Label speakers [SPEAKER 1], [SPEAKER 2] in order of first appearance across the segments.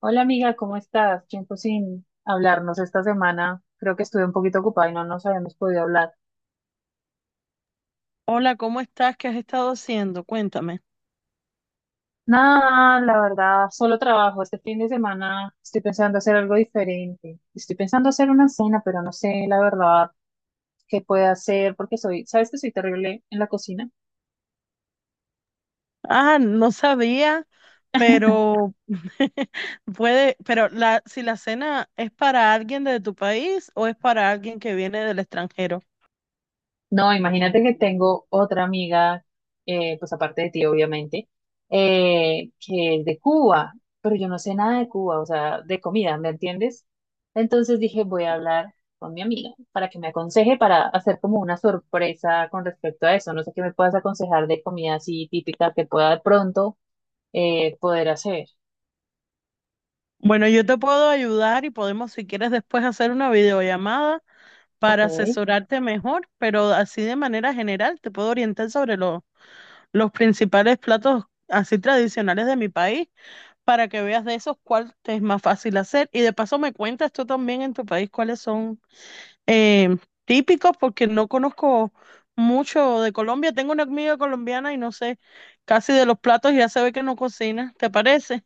[SPEAKER 1] Hola amiga, ¿cómo estás? Tiempo sin hablarnos esta semana. Creo que estuve un poquito ocupada y no nos habíamos podido hablar.
[SPEAKER 2] Hola, ¿cómo estás? ¿Qué has estado haciendo? Cuéntame.
[SPEAKER 1] Nada, la verdad, solo trabajo. Este fin de semana estoy pensando hacer algo diferente. Estoy pensando hacer una cena, pero no sé la verdad qué puedo hacer porque soy, ¿sabes que soy terrible en la cocina?
[SPEAKER 2] Ah, no sabía, pero puede, pero si la cena es para alguien de tu país o es para alguien que viene del extranjero.
[SPEAKER 1] No, imagínate que tengo otra amiga, pues aparte de ti, obviamente, que es de Cuba, pero yo no sé nada de Cuba, o sea, de comida, ¿me entiendes? Entonces dije, voy a hablar con mi amiga para que me aconseje para hacer como una sorpresa con respecto a eso. No sé qué me puedas aconsejar de comida así típica que pueda de pronto poder hacer.
[SPEAKER 2] Bueno, yo te puedo ayudar y podemos, si quieres, después hacer una videollamada
[SPEAKER 1] Ok.
[SPEAKER 2] para asesorarte mejor, pero así de manera general te puedo orientar sobre los principales platos así tradicionales de mi país para que veas de esos cuál te es más fácil hacer. Y de paso me cuentas tú también en tu país cuáles son eh, típicos, porque no conozco mucho de Colombia. Tengo una amiga colombiana y no sé casi de los platos, ya se ve que no cocina, ¿te parece?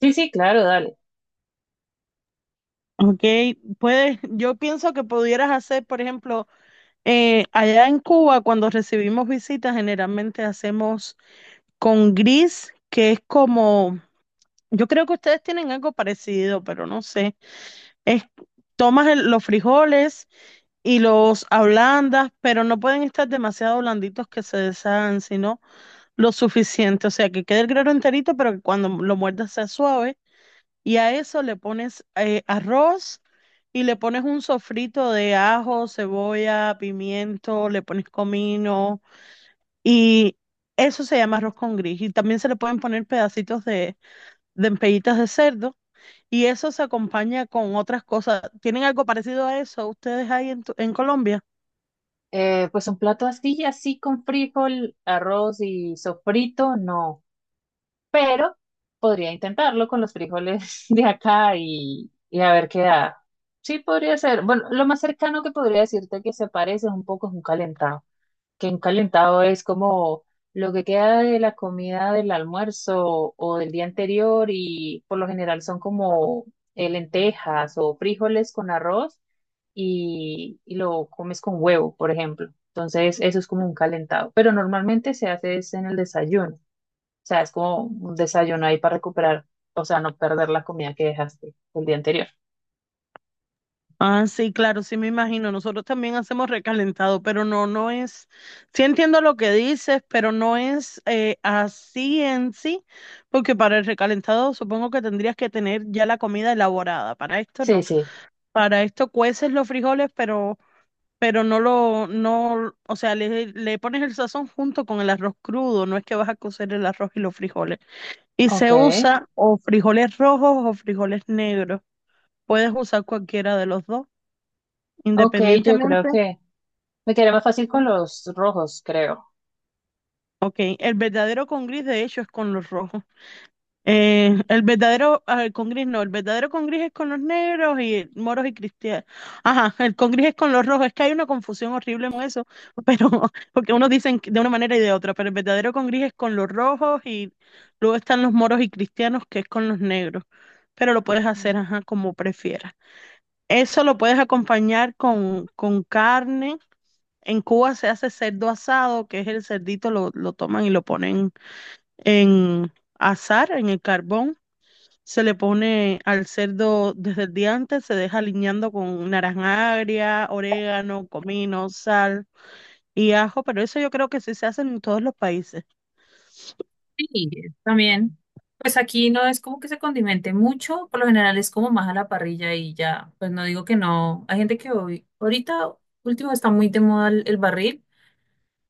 [SPEAKER 1] Sí, sí, claro, dale.
[SPEAKER 2] Ok, puedes, yo pienso que pudieras hacer, por ejemplo, allá en Cuba, cuando recibimos visitas, generalmente hacemos con gris, que es como, yo creo que ustedes tienen algo parecido, pero no sé. Es, Tomas los frijoles y los ablandas, pero no pueden estar demasiado blanditos que se deshagan, sino lo suficiente. O sea, que quede el grano enterito, pero que cuando lo muerdas sea suave. Y a eso le pones arroz y le pones un sofrito de ajo, cebolla, pimiento, le pones comino y eso se llama arroz con gris. Y también se le pueden poner pedacitos de empellitas de cerdo y eso se acompaña con otras cosas. ¿Tienen algo parecido a eso ustedes ahí en Colombia?
[SPEAKER 1] Pues un plato así, así con frijol, arroz y sofrito, no, pero podría intentarlo con los frijoles de acá y, a ver qué da. Sí, podría ser. Bueno, lo más cercano que podría decirte que se parece un poco es un calentado, que un calentado es como lo que queda de la comida del almuerzo o del día anterior y por lo general son como lentejas o frijoles con arroz y, lo comes con huevo, por ejemplo. Entonces, eso es como un calentado, pero normalmente se hace es en el desayuno. O sea, es como un desayuno ahí para recuperar, o sea, no perder la comida que dejaste el día anterior.
[SPEAKER 2] Ah, sí, claro, sí me imagino. Nosotros también hacemos recalentado, pero no, no es, sí entiendo lo que dices, pero no es así en sí, porque para el recalentado supongo que tendrías que tener ya la comida elaborada. Para esto
[SPEAKER 1] Sí,
[SPEAKER 2] no.
[SPEAKER 1] sí.
[SPEAKER 2] Para esto cueces los frijoles, pero no lo, no, o sea, le pones el sazón junto con el arroz crudo, no es que vas a cocer el arroz y los frijoles. Y
[SPEAKER 1] Ok.
[SPEAKER 2] se usa o frijoles rojos o frijoles negros. Puedes usar cualquiera de los dos,
[SPEAKER 1] Ok, yo creo
[SPEAKER 2] independientemente.
[SPEAKER 1] que me quedé más fácil con los rojos, creo.
[SPEAKER 2] Ok, el verdadero con gris de hecho es con los rojos. El verdadero el con gris no, el verdadero con gris es con los negros y moros y cristianos. Ajá, el con gris es con los rojos. Es que hay una confusión horrible con eso, pero porque unos dicen de una manera y de otra, pero el verdadero con gris es con los rojos y luego están los moros y cristianos que es con los negros. Pero lo puedes hacer,
[SPEAKER 1] Ujú.
[SPEAKER 2] ajá, como prefieras. Eso lo puedes acompañar con carne. En Cuba se hace cerdo asado, que es el cerdito, lo toman y lo ponen en asar en el carbón. Se le pone al cerdo desde el día antes, se deja aliñando con naranja agria, orégano, comino, sal y ajo, pero eso yo creo que sí se hace en todos los países.
[SPEAKER 1] Sí, también. Pues aquí no es como que se condimente mucho, por lo general es como más a la parrilla y ya, pues no digo que no. Hay gente que hoy, ahorita último está muy de moda el barril,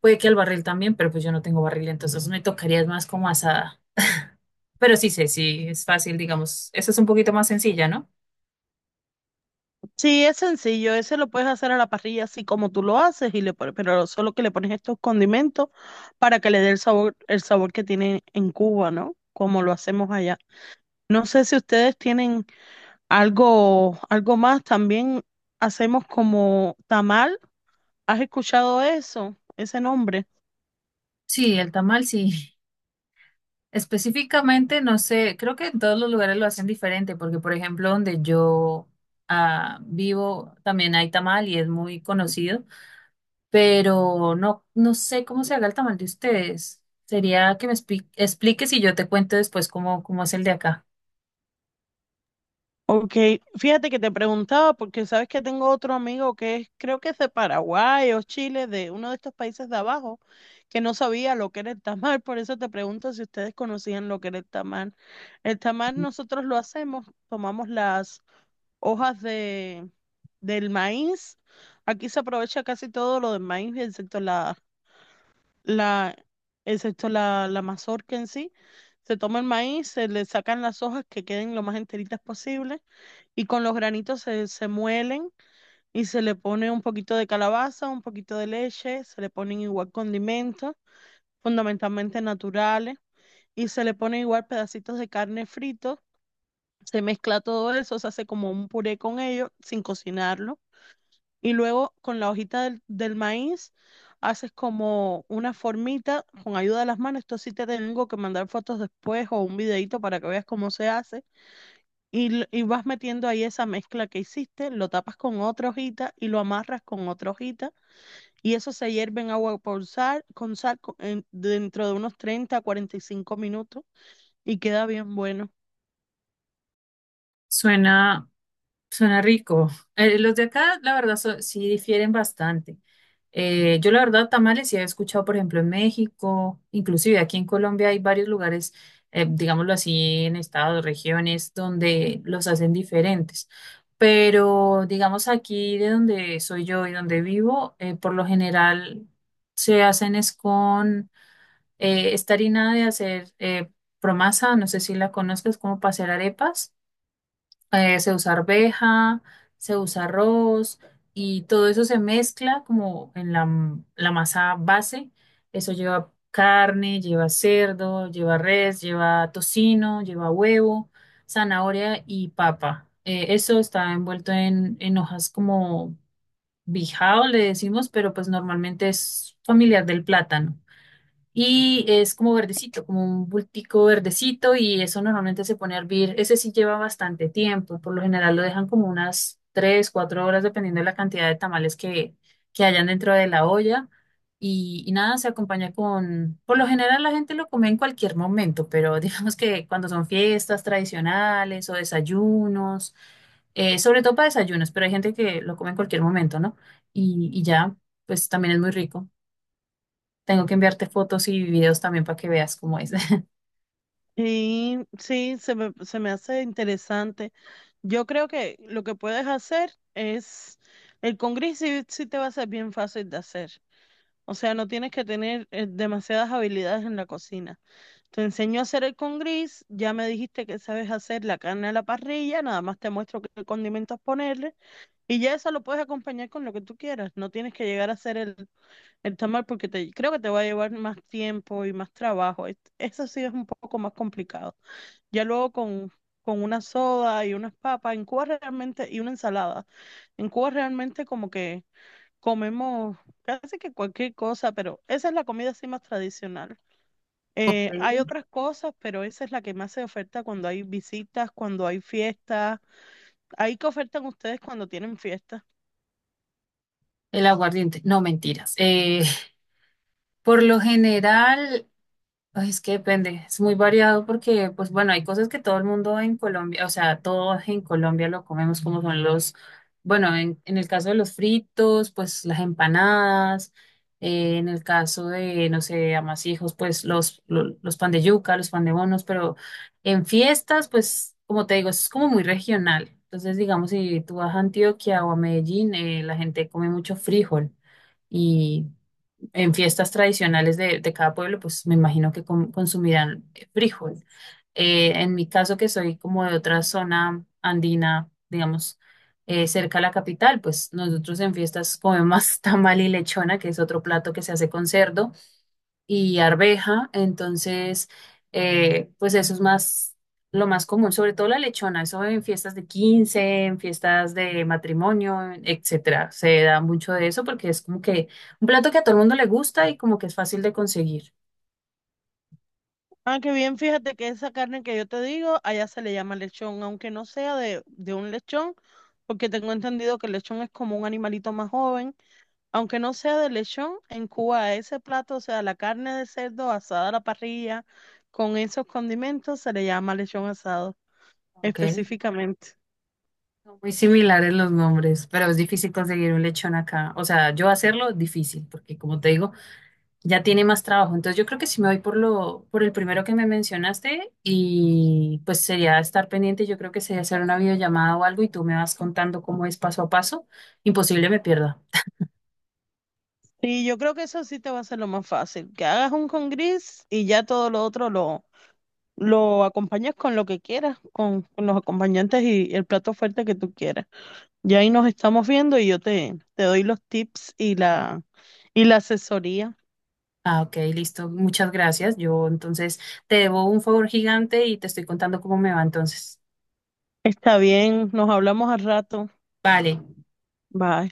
[SPEAKER 1] puede que el barril también, pero pues yo no tengo barril, entonces me tocaría más como asada. Pero sí sé, sí, es fácil, digamos, esa es un poquito más sencilla, ¿no?
[SPEAKER 2] Sí, es sencillo, ese lo puedes hacer a la parrilla así como tú lo haces y le pones, pero solo que le pones estos condimentos para que le dé el sabor que tiene en Cuba, ¿no? Como lo hacemos allá. No sé si ustedes tienen algo, algo más, también hacemos como tamal. ¿Has escuchado eso? Ese nombre.
[SPEAKER 1] Sí, el tamal sí. Específicamente, no sé, creo que en todos los lugares lo hacen diferente, porque por ejemplo, donde yo vivo también hay tamal y es muy conocido, pero no, no sé cómo se haga el tamal de ustedes. Sería que me expliques y yo te cuento después cómo, cómo es el de acá.
[SPEAKER 2] Ok, fíjate que te preguntaba porque sabes que tengo otro amigo que es, creo que es de Paraguay o Chile, de uno de estos países de abajo, que no sabía lo que era el tamal, por eso te pregunto si ustedes conocían lo que era el tamal. El tamal nosotros lo hacemos, tomamos las hojas del maíz, aquí se aprovecha casi todo lo del maíz, excepto la, la mazorca en sí. Se toma el maíz, se le sacan las hojas que queden lo más enteritas posible y con los granitos se muelen y se le pone un poquito de calabaza, un poquito de leche, se le ponen igual condimentos, fundamentalmente naturales, y se le ponen igual pedacitos de carne frito, se mezcla todo eso, se hace como un puré con ello sin cocinarlo, y luego con la hojita del maíz haces como una formita con ayuda de las manos, esto sí te tengo que mandar fotos después o un videito para que veas cómo se hace y, y vas metiendo ahí esa mezcla que hiciste, lo tapas con otra hojita y lo amarras con otra hojita. Y eso se hierve en agua por sal, con sal dentro de unos 30 a 45 minutos y queda bien bueno.
[SPEAKER 1] Suena, suena rico. Los de acá, la verdad, sí difieren bastante. Yo, la verdad, tamales sí he escuchado, por ejemplo, en México, inclusive aquí en Colombia hay varios lugares, digámoslo así, en estados, regiones, donde los hacen diferentes. Pero, digamos, aquí de donde soy yo y donde vivo, por lo general se hacen es con esta harina de hacer promasa, no sé si la conozcas, como para hacer arepas. Se usa arveja, se usa arroz y todo eso se mezcla como en la, la masa base. Eso lleva carne, lleva cerdo, lleva res, lleva tocino, lleva huevo, zanahoria y papa. Eso está envuelto en hojas como bijao, le decimos, pero pues normalmente es familiar del plátano y es como verdecito, como un bultico verdecito y eso normalmente se pone a hervir. Ese sí lleva bastante tiempo, por lo general lo dejan como unas 3, 4 horas dependiendo de la cantidad de tamales que, hayan dentro de la olla. Y, nada, se acompaña con, por lo general la gente lo come en cualquier momento, pero digamos que cuando son fiestas tradicionales o desayunos, sobre todo para desayunos, pero hay gente que lo come en cualquier momento, ¿no? Y, ya, pues también es muy rico. Tengo que enviarte fotos y videos también para que veas cómo es.
[SPEAKER 2] Y sí, se me hace interesante. Yo creo que lo que puedes hacer es, el con gris sí, sí te va a ser bien fácil de hacer. O sea, no tienes que tener demasiadas habilidades en la cocina. Te enseño a hacer el con gris, ya me dijiste que sabes hacer la carne a la parrilla, nada más te muestro qué condimentos ponerle y ya eso lo puedes acompañar con lo que tú quieras. No tienes que llegar a hacer el tamal porque te, creo que te va a llevar más tiempo y más trabajo. Eso sí es un poco más complicado. Ya luego con una soda y unas papas, en Cuba realmente, y una ensalada. En Cuba realmente como que comemos casi que cualquier cosa, pero esa es la comida así más tradicional.
[SPEAKER 1] Ok.
[SPEAKER 2] Hay otras cosas, pero esa es la que más se oferta cuando hay visitas, cuando hay fiestas. Ahí que ofertan ustedes cuando tienen fiestas.
[SPEAKER 1] El aguardiente, no, mentiras. Por lo general, ay, es que depende, es muy variado porque, pues bueno, hay cosas que todo el mundo en Colombia, o sea, todos en Colombia lo comemos como son los, bueno, en el caso de los fritos, pues las empanadas, en el caso de, no sé, amasijos, pues los, los pan de yuca, los pan de bonos, pero en fiestas, pues como te digo, es como muy regional. Entonces, digamos, si tú vas a Antioquia o a Medellín, la gente come mucho frijol en fiestas tradicionales de, cada pueblo, pues me imagino que consumirán frijol. En mi caso, que soy como de otra zona andina, digamos, cerca a la capital, pues nosotros en fiestas comemos tamal y lechona, que es otro plato que se hace con cerdo y arveja, entonces, pues eso es más, lo más común, sobre todo la lechona, eso en fiestas de 15, en fiestas de matrimonio, etcétera, se da mucho de eso porque es como que un plato que a todo el mundo le gusta y como que es fácil de conseguir,
[SPEAKER 2] Ah, qué bien, fíjate que esa carne que yo te digo, allá se le llama lechón, aunque no sea de un lechón, porque tengo entendido que el lechón es como un animalito más joven. Aunque no sea de lechón, en Cuba ese plato, o sea, la carne de cerdo asada a la parrilla con esos condimentos, se le llama lechón asado
[SPEAKER 1] ¿ok?
[SPEAKER 2] específicamente.
[SPEAKER 1] Son muy similares los nombres, pero es difícil conseguir un lechón acá. O sea, yo hacerlo difícil, porque como te digo, ya tiene más trabajo. Entonces yo creo que sí me voy por lo, por el primero que me mencionaste y pues sería estar pendiente, yo creo que sería hacer una videollamada o algo y tú me vas contando cómo es paso a paso. Imposible me pierda.
[SPEAKER 2] Sí, yo creo que eso sí te va a ser lo más fácil, que hagas un con gris y ya todo lo otro lo acompañas con lo que quieras, con los acompañantes y el plato fuerte que tú quieras. Ya ahí nos estamos viendo y yo te, te doy los tips y la asesoría.
[SPEAKER 1] Ah, ok, listo. Muchas gracias. Yo entonces te debo un favor gigante y te estoy contando cómo me va entonces.
[SPEAKER 2] Está bien, nos hablamos al rato.
[SPEAKER 1] Vale.
[SPEAKER 2] Bye.